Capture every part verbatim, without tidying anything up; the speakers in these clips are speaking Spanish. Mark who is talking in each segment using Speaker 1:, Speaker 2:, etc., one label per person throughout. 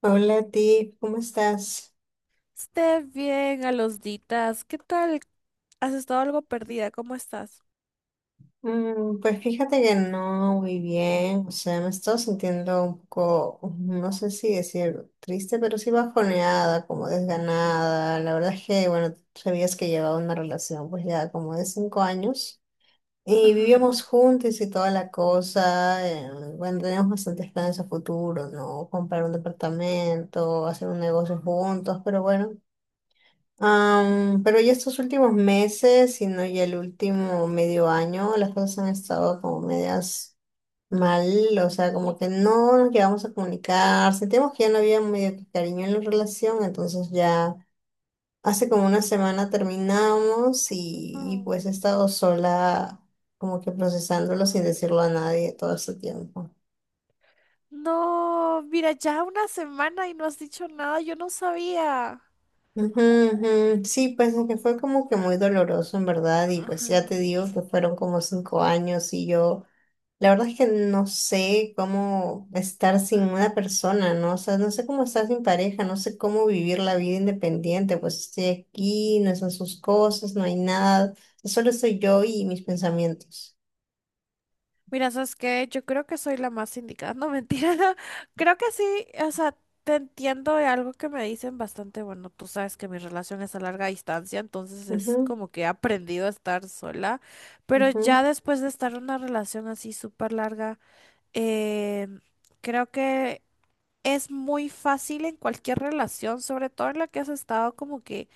Speaker 1: Hola a ti, ¿cómo estás?
Speaker 2: Esté bien, a los ditas. ¿Qué tal? ¿Has estado algo perdida? ¿Cómo estás?
Speaker 1: Mm, pues fíjate que no muy bien, o sea, me estoy sintiendo un poco, no sé si decir triste, pero sí bajoneada, como desganada. La verdad es que, bueno, sabías que llevaba una relación pues ya como de cinco años y
Speaker 2: Ajá.
Speaker 1: vivíamos juntos y toda la cosa. eh, bueno, teníamos bastantes planes a futuro, ¿no? Comprar un departamento, hacer un negocio juntos, pero bueno. Am, pero ya estos últimos meses, sino ya el último medio año, las cosas han estado como medias mal, o sea, como que no nos llegamos a comunicar, sentimos que ya no había medio que cariño en la relación, entonces ya hace como una semana terminamos y, y pues he
Speaker 2: Mm.
Speaker 1: estado sola como que procesándolo sin decirlo a nadie todo este tiempo.
Speaker 2: No, mira, ya una semana y no has dicho nada, yo no sabía.
Speaker 1: Ujú, ujú. Sí, pues es que fue como que muy doloroso en verdad y pues
Speaker 2: Ajá.
Speaker 1: ya te digo que fueron como cinco años y yo... La verdad es que no sé cómo estar sin una persona, ¿no? O sea, no sé cómo estar sin pareja, no sé cómo vivir la vida independiente, pues estoy aquí, no son sus cosas, no hay nada, solo soy yo y mis pensamientos.
Speaker 2: Mira, ¿sabes qué? Yo creo que soy la más indicada, no mentira. Creo que sí, o sea, te entiendo de algo que me dicen bastante. Bueno, tú sabes que mi relación es a larga distancia, entonces es
Speaker 1: Ujú,
Speaker 2: como que he aprendido a estar sola, pero
Speaker 1: ujú,
Speaker 2: ya después de estar en una relación así súper larga. Eh, Creo que es muy fácil en cualquier relación, sobre todo en la que has estado, como que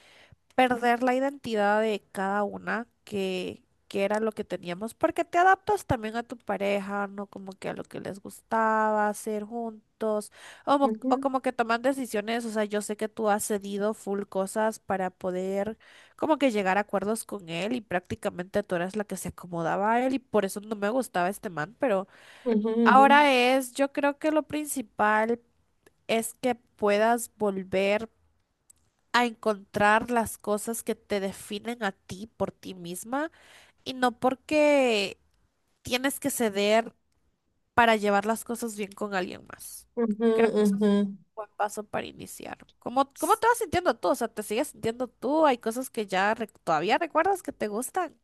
Speaker 2: perder la identidad de cada una, que, que era lo que teníamos, porque te adaptas también a tu pareja, ¿no? Como que a lo que les gustaba hacer juntos, o, mo- o
Speaker 1: ujú,
Speaker 2: como que toman decisiones. O sea, yo sé que tú has cedido full cosas para poder como que llegar a acuerdos con él, y prácticamente tú eras la que se acomodaba a él y por eso no me gustaba este man, pero... Ahora
Speaker 1: ujú,
Speaker 2: es, yo creo que lo principal es que puedas volver a encontrar las cosas que te definen a ti por ti misma y no porque tienes que ceder para llevar las cosas bien con alguien más.
Speaker 1: ujú,
Speaker 2: Creo
Speaker 1: ujú,
Speaker 2: que eso es un
Speaker 1: ujú.
Speaker 2: buen paso para iniciar. ¿Cómo, cómo te vas sintiendo tú? O sea, ¿te sigues sintiendo tú? ¿Hay cosas que ya rec- todavía recuerdas que te gustan?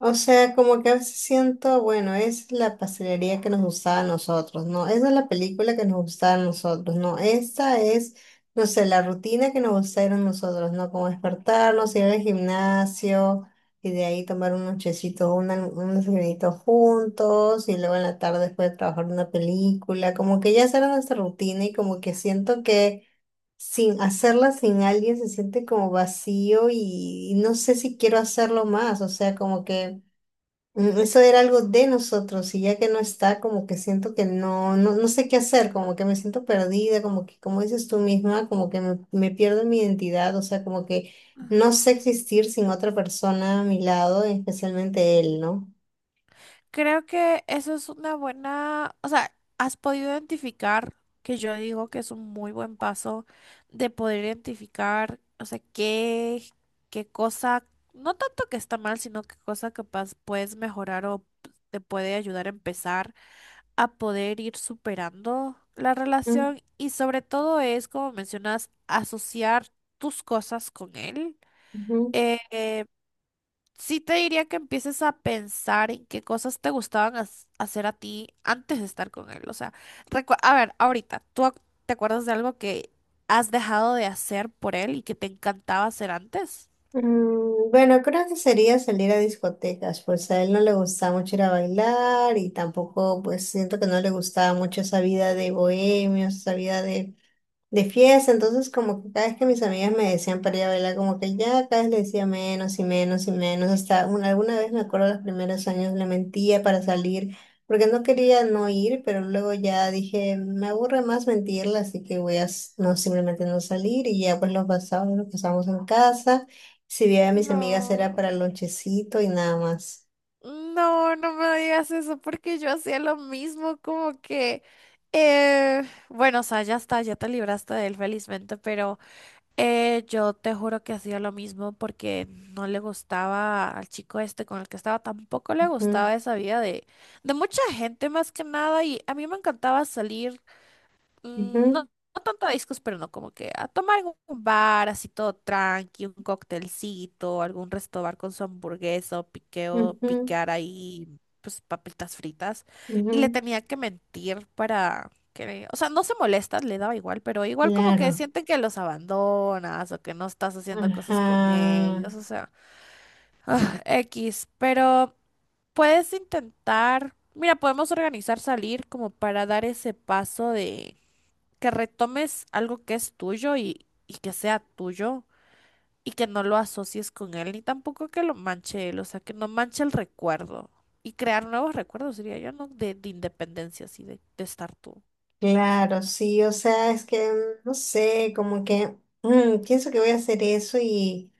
Speaker 1: O sea, como que a veces siento, bueno, es la pastelería que nos gustaba a nosotros, ¿no? Esa es la película que nos gustaba a nosotros, ¿no? Esta es, no sé, la rutina que nos gustaba a nosotros, ¿no? Como despertarnos, ir al gimnasio y de ahí tomar un nochecito, un alm- un desayunito juntos y luego en la tarde después de trabajar una película, como que ya esa era nuestra rutina y como que siento que... sin hacerla sin alguien se siente como vacío y, y no sé si quiero hacerlo más, o sea, como que Mm, eso era algo de nosotros y ya que no está, como que siento que no, no, no sé qué hacer, como que me siento perdida, como que, como dices tú misma, como que me, me pierdo en mi identidad, o sea, como que
Speaker 2: Ajá.
Speaker 1: no sé existir sin otra persona a mi lado, especialmente él, ¿no?
Speaker 2: Creo que eso es una buena, o sea, has podido identificar, que yo digo que es un muy buen paso de poder identificar, o sea, qué, qué, cosa, no tanto que está mal, sino qué cosa capaz puedes mejorar o te puede ayudar a empezar a poder ir superando la
Speaker 1: Mm,
Speaker 2: relación, y sobre todo es, como mencionas, asociar tus cosas con él.
Speaker 1: ujú.
Speaker 2: Eh, eh, Sí te diría que empieces a pensar en qué cosas te gustaban haz- hacer a ti antes de estar con él. O sea, recue- a ver, ahorita, ¿tú ac- te acuerdas de algo que has dejado de hacer por él y que te encantaba hacer antes?
Speaker 1: Mm, Bueno, creo que sería salir a discotecas, pues a él no le gustaba mucho ir a bailar y tampoco, pues siento que no le gustaba mucho esa vida de bohemios, esa vida de de fiesta, entonces como que cada vez que mis amigas me decían para ir a bailar, como que ya cada vez le decía menos y menos y menos, hasta una, alguna vez me acuerdo los primeros años le mentía para salir, porque no quería no ir, pero luego ya dije, me aburre más mentirle, así que voy a s- no simplemente no salir y ya pues lo pasamos, lo pasamos en casa, si veía a mis amigas era
Speaker 2: No,
Speaker 1: para el lonchecito y nada más.
Speaker 2: no, no me digas eso porque yo hacía lo mismo, como que, eh, bueno, o sea, ya está, ya te libraste de él felizmente, pero Eh, yo te juro que hacía lo mismo porque no le gustaba al chico este con el que estaba, tampoco le
Speaker 1: Ujú,
Speaker 2: gustaba esa vida de, de mucha gente más que nada, y a mí me encantaba salir. mm, no, no tanto a discos, pero no, como que a tomar algún bar así todo tranqui, un cóctelcito, algún resto bar con su hamburguesa o
Speaker 1: ujú,
Speaker 2: piqueo,
Speaker 1: ujú,
Speaker 2: picar ahí pues papitas fritas. Y le
Speaker 1: ujú,
Speaker 2: tenía que mentir para que, o sea, no se molesta, le daba igual, pero igual como que
Speaker 1: claro.
Speaker 2: sienten que los abandonas o que no estás haciendo cosas con
Speaker 1: Ajá.
Speaker 2: ellos, o sea, X, pero puedes intentar. Mira, podemos organizar salir como para dar ese paso de que retomes algo que es tuyo, y, y que sea tuyo y que no lo asocies con él, ni tampoco que lo manche él, o sea, que no manche el recuerdo. Y crear nuevos recuerdos, diría yo, ¿no? De, de independencia, así, de, de estar tú.
Speaker 1: Claro, sí, o sea, es que mm, no sé, como que mm, pienso que voy a hacer eso y,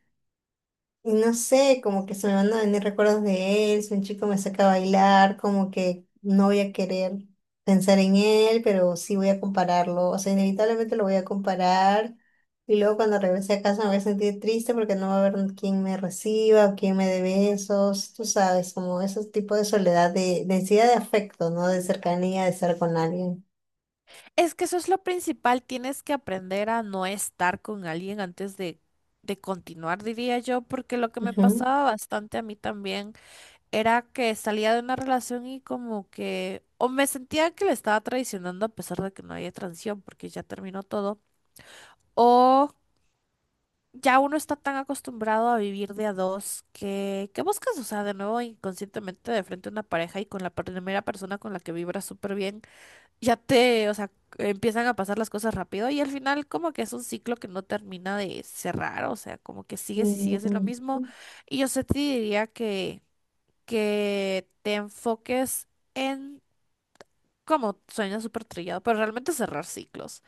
Speaker 1: y no sé, como que se me van a venir recuerdos de él, si un chico me saca a bailar, como que no voy a querer pensar en él, pero sí voy a compararlo, o sea, inevitablemente lo voy a comparar y luego cuando regrese a casa me voy a sentir triste porque no va a haber quien me reciba o quien me dé besos, tú sabes, como ese tipo de soledad, de densidad de afecto, ¿no? De cercanía, de estar con alguien.
Speaker 2: Es que eso es lo principal, tienes que aprender a no estar con alguien antes de, de continuar, diría yo, porque lo que me
Speaker 1: Ujú.
Speaker 2: pasaba bastante a mí también era que salía de una relación y como que o me sentía que le estaba traicionando, a pesar de que no había transición porque ya terminó todo. O ya uno está tan acostumbrado a vivir de a dos que, que buscas, o sea, de nuevo inconscientemente de frente a una pareja, y con la primera persona con la que vibras súper bien, ya te, o sea, empiezan a pasar las cosas rápido, y al final como que es un ciclo que no termina de cerrar, o sea, como que sigues y sigues en lo
Speaker 1: Mm,
Speaker 2: mismo. Y yo sí te diría que, que te enfoques en como sueño súper trillado, pero realmente cerrar ciclos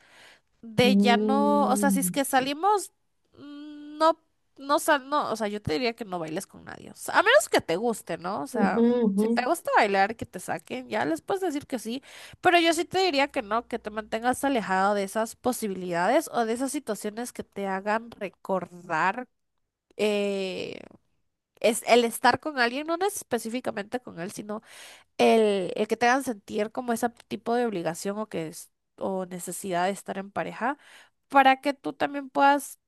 Speaker 2: de ya no, o sea, si es
Speaker 1: mm,
Speaker 2: que
Speaker 1: ujú,
Speaker 2: salimos, mm, no, no, sal, no, o sea, yo te diría que no bailes con nadie, o sea, a menos que te guste, ¿no? O sea,
Speaker 1: ujú,
Speaker 2: si te gusta bailar, que te saquen, ya les puedes decir que sí, pero yo sí te diría que no, que te mantengas alejado de esas posibilidades o de esas situaciones que te hagan recordar. eh, es el estar con alguien, no específicamente con él, sino el, el que te hagan sentir como ese tipo de obligación, o que es, o necesidad de estar en pareja para que tú también puedas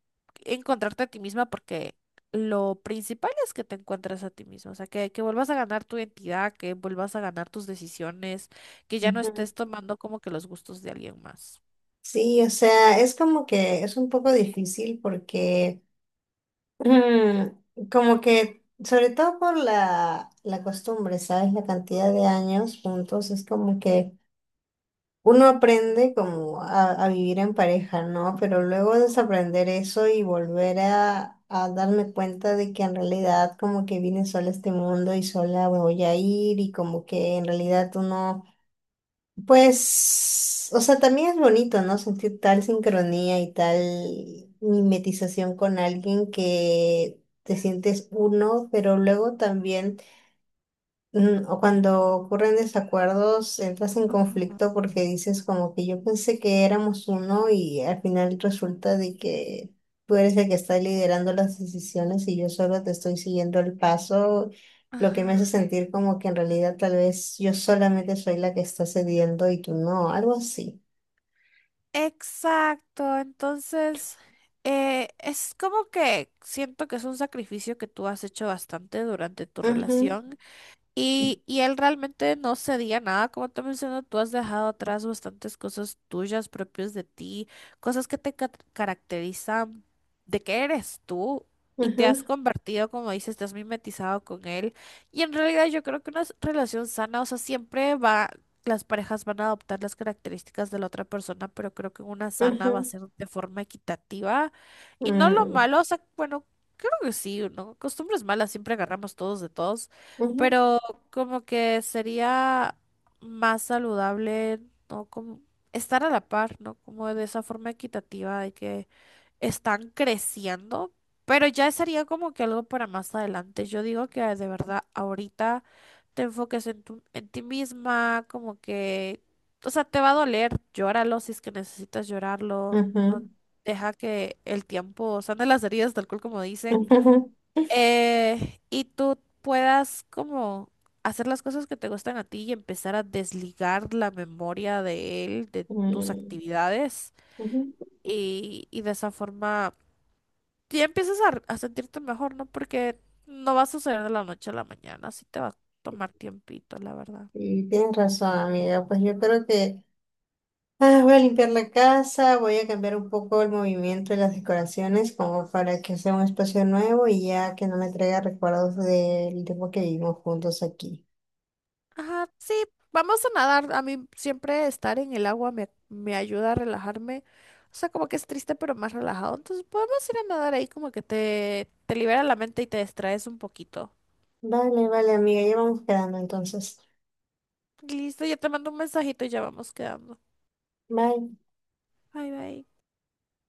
Speaker 2: encontrarte a ti misma, porque lo principal es que te encuentres a ti misma, o sea, que, que vuelvas a ganar tu identidad, que vuelvas a ganar tus decisiones, que ya no
Speaker 1: ujú.
Speaker 2: estés tomando como que los gustos de alguien más.
Speaker 1: Sí, o sea, es como que es un poco difícil porque mm, como que, sobre todo por la, la costumbre, ¿sabes? La cantidad de años juntos, es como que uno aprende como a, a vivir en pareja, ¿no? Pero luego desaprender eso y volver a, a darme cuenta de que en realidad como que vine sola a este mundo y sola me voy a ir y como que en realidad uno pues, o sea, también es bonito, ¿no? Sentir tal sincronía y tal mimetización con alguien que te sientes uno, pero luego también Mm, o cuando ocurren desacuerdos, entras en
Speaker 2: Ujú,
Speaker 1: conflicto porque dices como que yo pensé que éramos uno y al final resulta de que tú eres el que está liderando las decisiones y yo solo te estoy siguiendo el paso, lo que me hace
Speaker 2: ajá.
Speaker 1: sentir como que en realidad tal vez yo solamente soy la que está cediendo y tú no, algo así.
Speaker 2: Exacto, entonces eh, es como que siento que es un sacrificio que tú has hecho bastante durante tu
Speaker 1: Ujú,
Speaker 2: relación. Y, y él realmente no cedía nada, como te menciono, tú has dejado atrás bastantes cosas tuyas, propias de ti, cosas que te ca- caracterizan, de que eres tú, y te has
Speaker 1: ujú,
Speaker 2: convertido, como dices, te has mimetizado con él. Y en realidad yo creo que una s- relación sana, o sea, siempre va, las parejas van a adoptar las características de la otra persona, pero creo que una sana va a
Speaker 1: ujú,
Speaker 2: ser de forma equitativa y no lo
Speaker 1: mm,
Speaker 2: malo, o sea, bueno, creo que sí, ¿no? Costumbres malas siempre agarramos todos de todos.
Speaker 1: ujú,
Speaker 2: Pero como que sería más saludable, ¿no? Como estar a la par, ¿no? Como de esa forma equitativa de que están creciendo, pero ya sería como que algo para más adelante. Yo digo que de verdad ahorita te enfoques en tu, en ti misma, como que, o sea, te va a doler, llóralo si es que necesitas llorarlo, no,
Speaker 1: ujú,
Speaker 2: deja que el tiempo sane las heridas, tal cual como dicen. Eh, y tú puedas como hacer las cosas que te gustan a ti y empezar a desligar la memoria de él, de
Speaker 1: ujú,
Speaker 2: tus
Speaker 1: mm,
Speaker 2: actividades,
Speaker 1: ujú.
Speaker 2: y, y de esa forma ya empiezas a, a sentirte mejor, ¿no? Porque no va a suceder de la noche a la mañana, sí te va a tomar tiempito, la verdad.
Speaker 1: Y tienes razón, amiga, pues yo creo que... Ah, voy a limpiar la casa, voy a cambiar un poco el movimiento de las decoraciones como para que sea un espacio nuevo y ya que no me traiga recuerdos del tiempo que vivimos juntos aquí.
Speaker 2: Ajá, sí, vamos a nadar. A mí siempre estar en el agua me, me ayuda a relajarme. O sea, como que es triste, pero más relajado. Entonces podemos ir a nadar ahí, como que te, te libera la mente y te distraes un poquito.
Speaker 1: Vale, vale, amiga, ya vamos quedando entonces.
Speaker 2: Listo, ya te mando un mensajito y ya vamos quedando.
Speaker 1: Bye.
Speaker 2: Bye, bye.